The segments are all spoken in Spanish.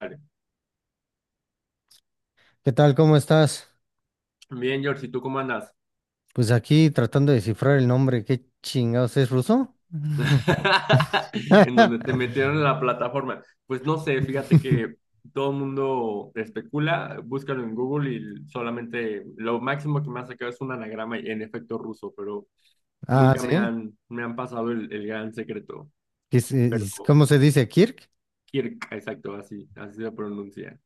Vale. ¿Qué tal? ¿Cómo estás? Bien, George, ¿y tú cómo andas? Pues aquí tratando de descifrar el nombre. ¿Qué chingados es ruso? En donde te metieron en la plataforma. Pues no sé, fíjate que todo el mundo especula, búscalo en Google y solamente lo máximo que me ha sacado es un anagrama y en efecto ruso, pero Ah, nunca sí. Me han pasado el gran secreto. ¿Qué Pero cómo se dice Kirk? Kirk, exacto, así se pronuncia.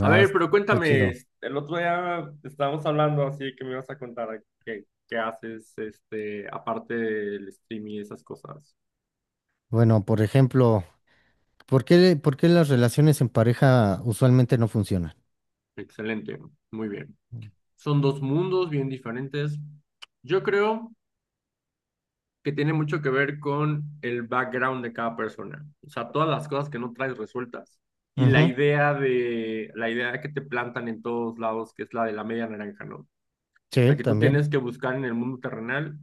A ver, pero está cuéntame, chido. el otro día estábamos hablando así que me vas a contar qué haces, este, aparte del stream y esas cosas. Bueno, por ejemplo, ¿por qué las relaciones en pareja usualmente no funcionan? Excelente, muy bien. Son dos mundos bien diferentes. Yo creo que tiene mucho que ver con el background de cada persona, o sea, todas las cosas que no traes resueltas y la Ujú. idea de la idea que te plantan en todos lados, que es la de la media naranja, ¿no? O Sí, sea, que tú también. tienes que buscar en el mundo terrenal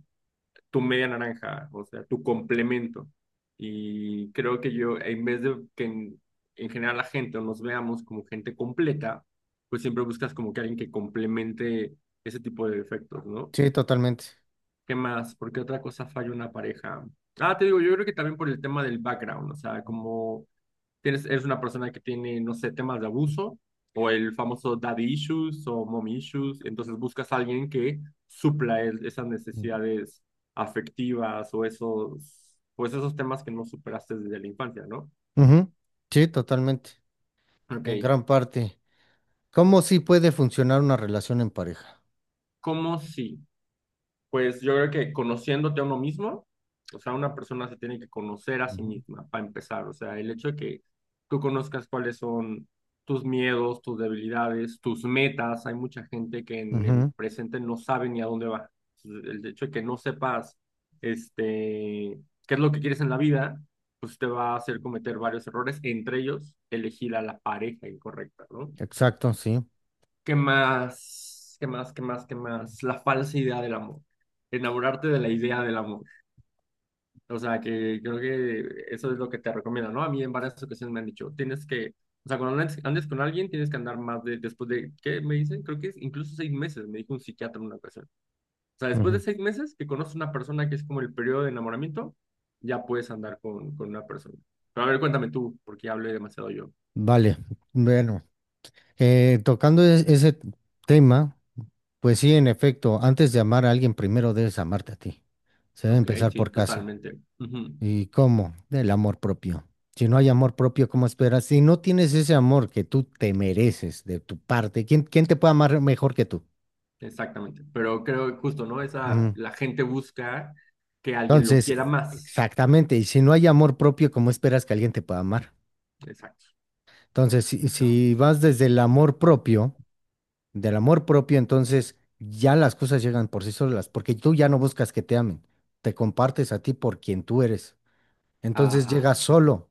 tu media naranja, o sea, tu complemento. Y creo que yo, en vez de que en general la gente o nos veamos como gente completa, pues siempre buscas como que alguien que complemente ese tipo de defectos, ¿no? Sí, totalmente. ¿Qué más? ¿Por qué otra cosa falla una pareja? Ah, te digo, yo creo que también por el tema del background, o sea, como tienes, eres una persona que tiene, no sé, temas de abuso o el famoso daddy issues o mom issues, entonces buscas a alguien que esas necesidades afectivas o esos, pues esos temas que no superaste desde la infancia, ¿no? Ujú. Sí, totalmente. Ok, En gran parte. ¿Cómo sí puede funcionar una relación en pareja? ¿cómo sí? Pues yo creo que conociéndote a uno mismo, o sea, una persona se tiene que conocer a sí Ujú, misma para empezar, o sea, el hecho de que tú conozcas cuáles son tus miedos, tus debilidades, tus metas, hay mucha gente que en el ujú. presente no sabe ni a dónde va. Entonces, el hecho de que no sepas, este, qué es lo que quieres en la vida, pues te va a hacer cometer varios errores, entre ellos elegir a la pareja incorrecta, ¿no? Exacto, sí. ¿Qué más? ¿Qué más? ¿Qué más? ¿Qué más? La falsa idea del amor. Enamorarte de la idea del amor. O sea, que creo que eso es lo que te recomiendo, ¿no? A mí en varias ocasiones me han dicho, tienes que, o sea, cuando andes con alguien, tienes que andar más de, después de, ¿qué me dicen? Creo que es incluso 6 meses, me dijo un psiquiatra en una ocasión. O sea, después de Ujú. 6 meses que conoces una persona que es como el periodo de enamoramiento, ya puedes andar con una persona. Pero a ver, cuéntame tú, porque ya hablé demasiado yo. Vale, bueno, tocando ese tema, pues sí, en efecto, antes de amar a alguien, primero debes amarte a ti. Se debe Ok, empezar sí, por casa. totalmente. Ujú. ¿Y cómo? Del amor propio. Si no hay amor propio, ¿cómo esperas? Si no tienes ese amor que tú te mereces de tu parte, ¿quién, quién te puede amar mejor que tú? Exactamente, pero creo que justo, ¿no? Esa, Ujú. la gente busca que alguien lo Entonces, quiera más. exactamente, y si no hay amor propio, ¿cómo esperas que alguien te pueda amar? Exacto. Entonces, si Ya. si vas desde el amor propio, del amor propio, entonces ya las cosas llegan por sí solas, porque tú ya no buscas que te amen, te compartes a ti por quien tú eres. Entonces llega Ajá, solo.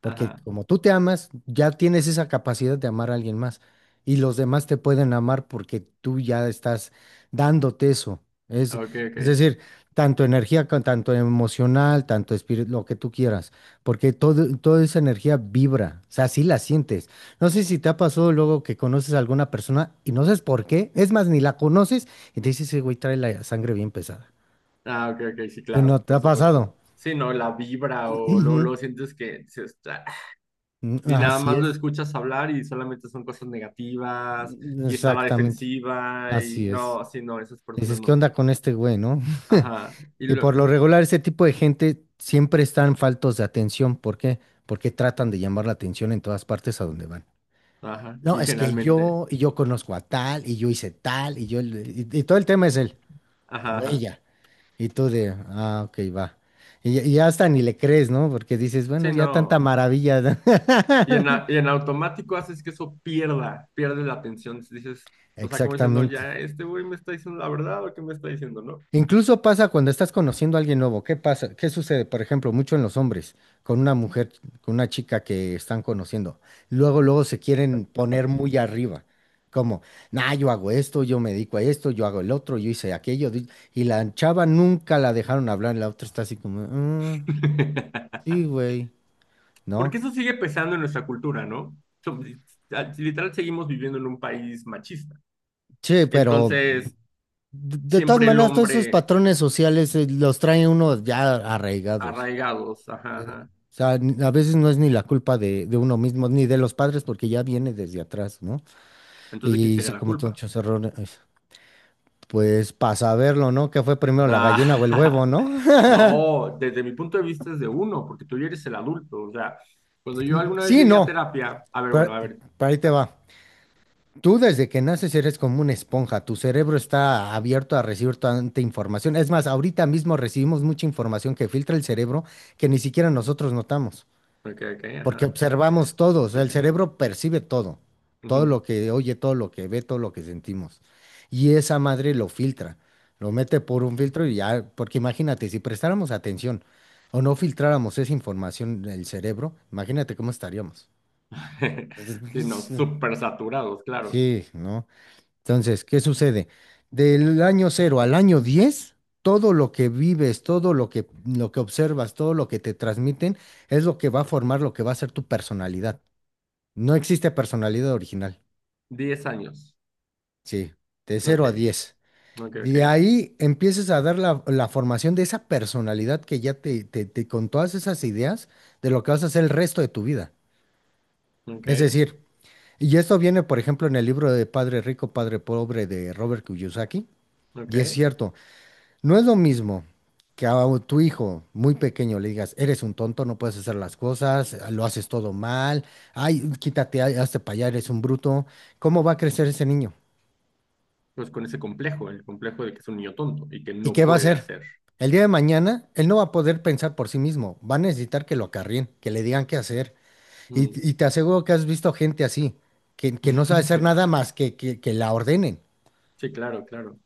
Porque ajá. como tú te amas, ya tienes esa capacidad de amar a alguien más. Y los demás te pueden amar porque tú ya estás dándote eso. Es, Ah, ok, es ok. decir, tanto energía, tanto emocional, tanto espíritu, lo que tú quieras. Porque todo, toda esa energía vibra. O sea, sí la sientes. No sé si te ha pasado luego que conoces a alguna persona y no sabes por qué. Es más, ni la conoces y te dices: "Ese güey trae la sangre bien pesada." Ah, ok, ok, sí, ¿No claro, te por ha pasado? supuesto. Sí, no, la vibra o luego, Ujú. luego sientes que dices, "Ah", Mm, y nada así más lo es. escuchas hablar y solamente son cosas negativas y está la Exactamente. defensiva y Así es. no, sí, no, esas personas Dices, ¿qué no. onda con este güey, no? Ajá, Y por lo regular, ese tipo de gente siempre están faltos de atención. ¿Por qué? Porque tratan de llamar la atención en todas partes a donde van. ajá, No, y es que generalmente, yo, y yo conozco a tal, y yo hice tal, y yo, y todo el tema es el ajá, o ajá. ella. Y tú de, ah, ok, va. Y hasta ni le crees, ¿no? Porque dices, bueno, Sí, ya tanta no. maravilla. Y en, y en automático haces que eso pierde la atención. Dices, o sea, como diciendo, Exactamente. ya, este güey me está diciendo la verdad o qué me está diciendo, ¿no? Incluso pasa cuando estás conociendo a alguien nuevo. ¿Qué pasa? ¿Qué sucede? Por ejemplo, mucho en los hombres, con una mujer, con una chica que están conociendo. Luego, luego se quieren poner muy arriba. Como, nah, yo hago esto, yo me dedico a esto, yo hago el otro, yo hice aquello. Y la chava nunca la dejaron hablar. La otra está así como: "Mm, sí, güey, ¿no?" Porque eso sigue pesando en nuestra cultura, ¿no? So- Literal, seguimos viviendo en un país machista. Sí, pero Entonces, de todas siempre el maneras, todos esos hombre patrones sociales, los trae uno ya arraigados. arraigados, ajá, ajá. O sea, a veces no es ni la culpa de uno mismo, ni de los padres, porque ya viene desde atrás, ¿no? Entonces, ¿de quién Y sería se la cometió culpa? muchos errores. Pues para saberlo, ¿no? ¿Qué fue primero, la Ah, gallina o el huevo, no? no, desde mi punto de vista es de uno, porque tú ya eres el adulto. O sea, cuando yo alguna vez Sí, llegué a no. terapia, a ver, bueno, Pero, a ver. pero ahí te va. Tú desde que naces eres como una esponja. Tu cerebro está abierto a recibir tanta información. Es más, ahorita mismo recibimos mucha información que filtra el cerebro que ni siquiera nosotros notamos. Ok, ok, Porque ajá. observamos todo, o sea, el cerebro percibe todo, todo lo Ujú. que oye, todo lo que ve, todo lo que sentimos. Y esa madre lo filtra, lo mete por un filtro y ya, porque imagínate, si prestáramos atención o no filtráramos esa información del cerebro, imagínate cómo estaríamos. Sí, no, Entonces, súper saturados, claro. sí, ¿no? Entonces, ¿qué sucede? Del año 0 al año 10, todo lo que vives, todo lo que observas, todo lo que te transmiten, es lo que va a formar lo que va a ser tu personalidad. No existe personalidad original, 10 años. sí, de Ok, 0 a 10. ok, ok, De ahí empiezas a dar la, la formación de esa personalidad que ya con todas esas ideas de lo que vas a hacer el resto de tu vida. ok, Es decir, y esto viene, por ejemplo, en el libro de Padre Rico, Padre Pobre de Robert Kiyosaki, y es ok. cierto, no es lo mismo que a tu hijo muy pequeño le digas: eres un tonto, no puedes hacer las cosas, lo haces todo mal, ay, quítate, ay, hazte para allá, eres un bruto. ¿Cómo va a crecer ese niño? Pues con ese complejo, el complejo de que es un niño tonto y que ¿Y no qué va a puede hacer? hacer. El día de mañana, él no va a poder pensar por sí mismo, va a necesitar que lo acarrien, que le digan qué hacer. Mm. Y te aseguro que has visto gente así, que no sabe hacer nada más que la ordenen. Sí, claro, claro.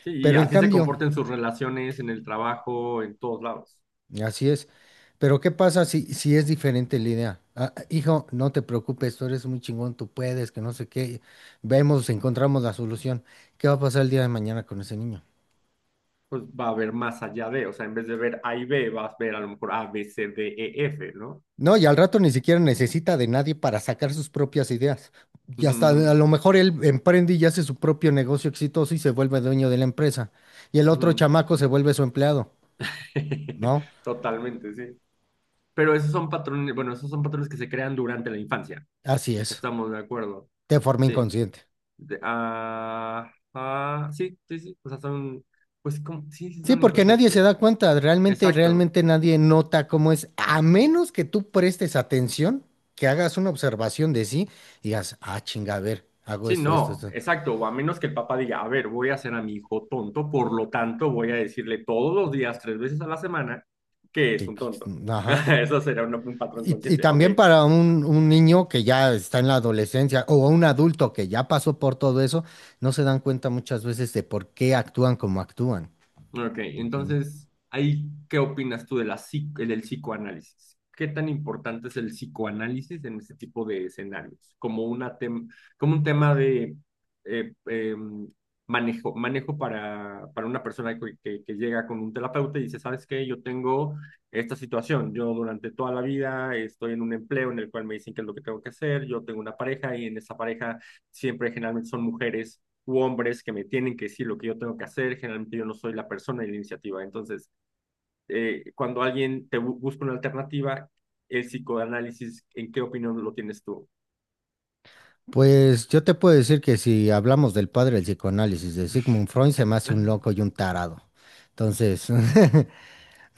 Sí, y Pero en así se cambio, comporta en sus relaciones, en el trabajo, en todos lados. así es. Pero ¿qué pasa si, si es diferente la idea? Ah, ah, hijo, no te preocupes, tú eres muy chingón, tú puedes, que no sé qué. Vemos, encontramos la solución. ¿Qué va a pasar el día de mañana con ese niño? Pues va a haber más allá de, o sea, en vez de ver A y B, vas a ver a lo mejor A, B, C, D, E, F, ¿no? No, y al rato ni siquiera necesita de nadie para sacar sus propias ideas. Y Ujú, hasta ujú, a lo mejor él emprende y hace su propio negocio exitoso y se vuelve dueño de la empresa. Y el otro ujú. chamaco se vuelve su empleado, ¿no? Totalmente, sí. Pero esos son patrones, bueno, esos son patrones que se crean durante la infancia. Así es, Estamos de acuerdo. de forma Sí. inconsciente. Sí, sí, sí. O sea, son, pues, sí, sí, Sí, son porque inconscientes. nadie se da cuenta, realmente, Exacto. realmente nadie nota cómo es, a menos que tú prestes atención, que hagas una observación de sí y digas, ah, chinga, a ver, hago Sí, esto, esto, no, esto. exacto. O a menos que el papá diga, a ver, voy a hacer a mi hijo tonto, por lo tanto, voy a decirle todos los días, 3 veces a la semana, que es que- un tonto. que- Ajá. Eso será un patrón Y consciente. Ok, también para un niño que ya está en la adolescencia o un adulto que ya pasó por todo eso, no se dan cuenta muchas veces de por qué actúan como actúan. Ok, Ujú. entonces, ahí, ¿qué opinas tú de del psicoanálisis? ¿Qué tan importante es el psicoanálisis en este tipo de escenarios? Como, como un tema de eh, eh, manejo, manejo para una persona que, que llega con un terapeuta y dice, ¿sabes qué? Yo tengo esta situación. Yo durante toda la vida estoy en un empleo en el cual me dicen qué es lo que tengo que hacer. Yo tengo una pareja y en esa pareja siempre generalmente son mujeres u hombres que me tienen que decir lo que yo tengo que hacer. Generalmente yo no soy la persona de la iniciativa. Entonces, cuando alguien te busca una alternativa, el psicoanálisis, ¿en qué opinión lo tienes tú? Pues yo te puedo decir que si hablamos del padre del psicoanálisis de Sigmund Freud, se me hace un loco y un tarado. Entonces,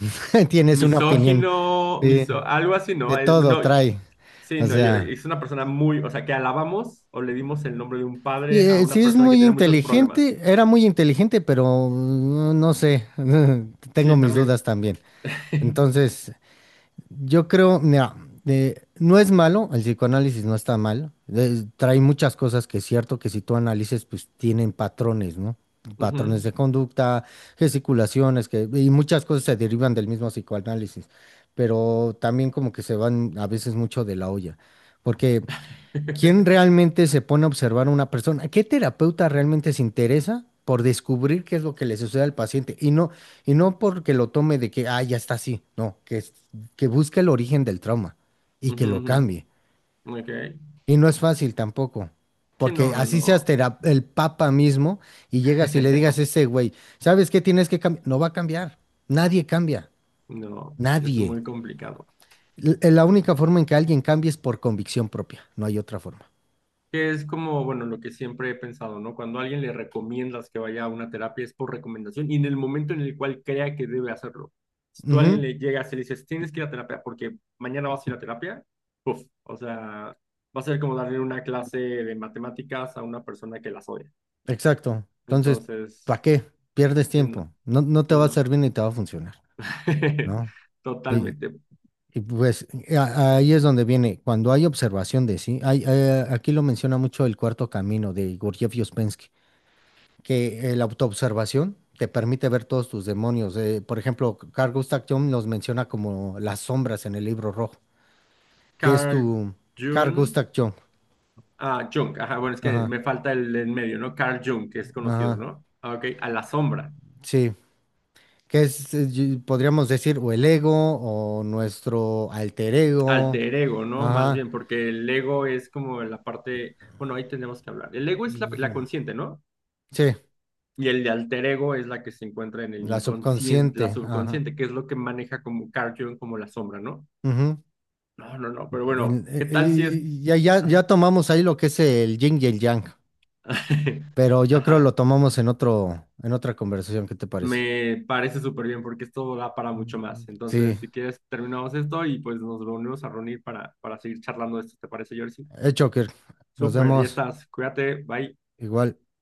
tienes una opinión. Misógino, Sí, algo así, ¿no? de todo No, trae. sí, O no, yo, sea, es una persona muy, o sea, que alabamos o le dimos el nombre de un padre a sí una es persona que muy tenía muchos problemas. inteligente, era muy inteligente, pero mm, no sé, tengo Sí, mis también. dudas también. Entonces, yo creo, mira, no es malo, el psicoanálisis no está mal, trae muchas cosas que es cierto que si tú analices, pues tienen patrones, ¿no? Patrones Ujú. de conducta, gesticulaciones, que, y muchas cosas se derivan del mismo psicoanálisis, pero también como que se van a veces mucho de la olla, porque ¿quién realmente se pone a observar a una persona? ¿Qué terapeuta realmente se interesa por descubrir qué es lo que le sucede al paciente? Y no porque lo tome de que, ah, ya está así, no, que, que busque el origen del trauma y que Ujú, lo ujú. cambie. Ok. Y no es fácil tampoco, Sí, no, porque no, así seas no. El papa mismo y llegas y le digas a ese güey, ¿sabes qué tienes que cambiar? No va a cambiar, nadie cambia, No, es nadie. muy complicado. La única forma en que alguien cambie es por convicción propia, no hay otra forma. Que es como, bueno, lo que siempre he pensado, ¿no? Cuando a alguien le recomiendas que vaya a una terapia es por recomendación y en el momento en el cual crea que debe hacerlo. Si tú a Ujú. alguien le llegas y le dices, tienes que ir a terapia porque mañana vas a ir a terapia, uf, o sea, va a ser como darle una clase de matemáticas a una persona que las odia. Exacto. Entonces, ¿para Entonces, qué? Pierdes sí, no, tiempo. No, no te sí, va a no. servir ni te va a funcionar, ¿no? Y, Totalmente. y pues ahí es donde viene, cuando hay observación de sí, hay, aquí lo menciona mucho el cuarto camino de Gurdjieff y Ouspensky, que la autoobservación te permite ver todos tus demonios. Por ejemplo, Carl Gustav Jung los menciona como las sombras en el libro rojo, que es Carl tu Carl Jung, Gustav Jung. ah, Jung, ajá, bueno, es que Ajá, me falta el en medio, ¿no? Carl Jung, que es conocido, ajá, ¿no? Ah, ok, a la sombra. sí. Que es, podríamos decir, o el ego o nuestro alter ego. Alter ego, ¿no? Más Ajá, bien, porque el ego es como la parte, bueno, ahí tenemos que hablar. El ego es la consciente, ¿no? sí, Y el de alter ego es la que se encuentra en el la inconsciente, la subconsciente. Ajá. subconsciente, que es lo que maneja como Carl Jung, como la sombra, ¿no? Ujú. No, no, no, pero bueno, ¿qué tal si es... Y, ya, ya, ya Ajá, tomamos ahí lo que es el yin y el yang, pero yo creo lo Ajá. tomamos en otro, en otra conversación, ¿qué te parece? Me parece súper bien porque esto da para mucho más. Sí, Entonces, si quieres, terminamos esto y pues nos reunimos a reunir para seguir charlando de esto, ¿te parece, Jersey? hecho. Que nos Súper, ya vemos estás, cuídate, bye. igual.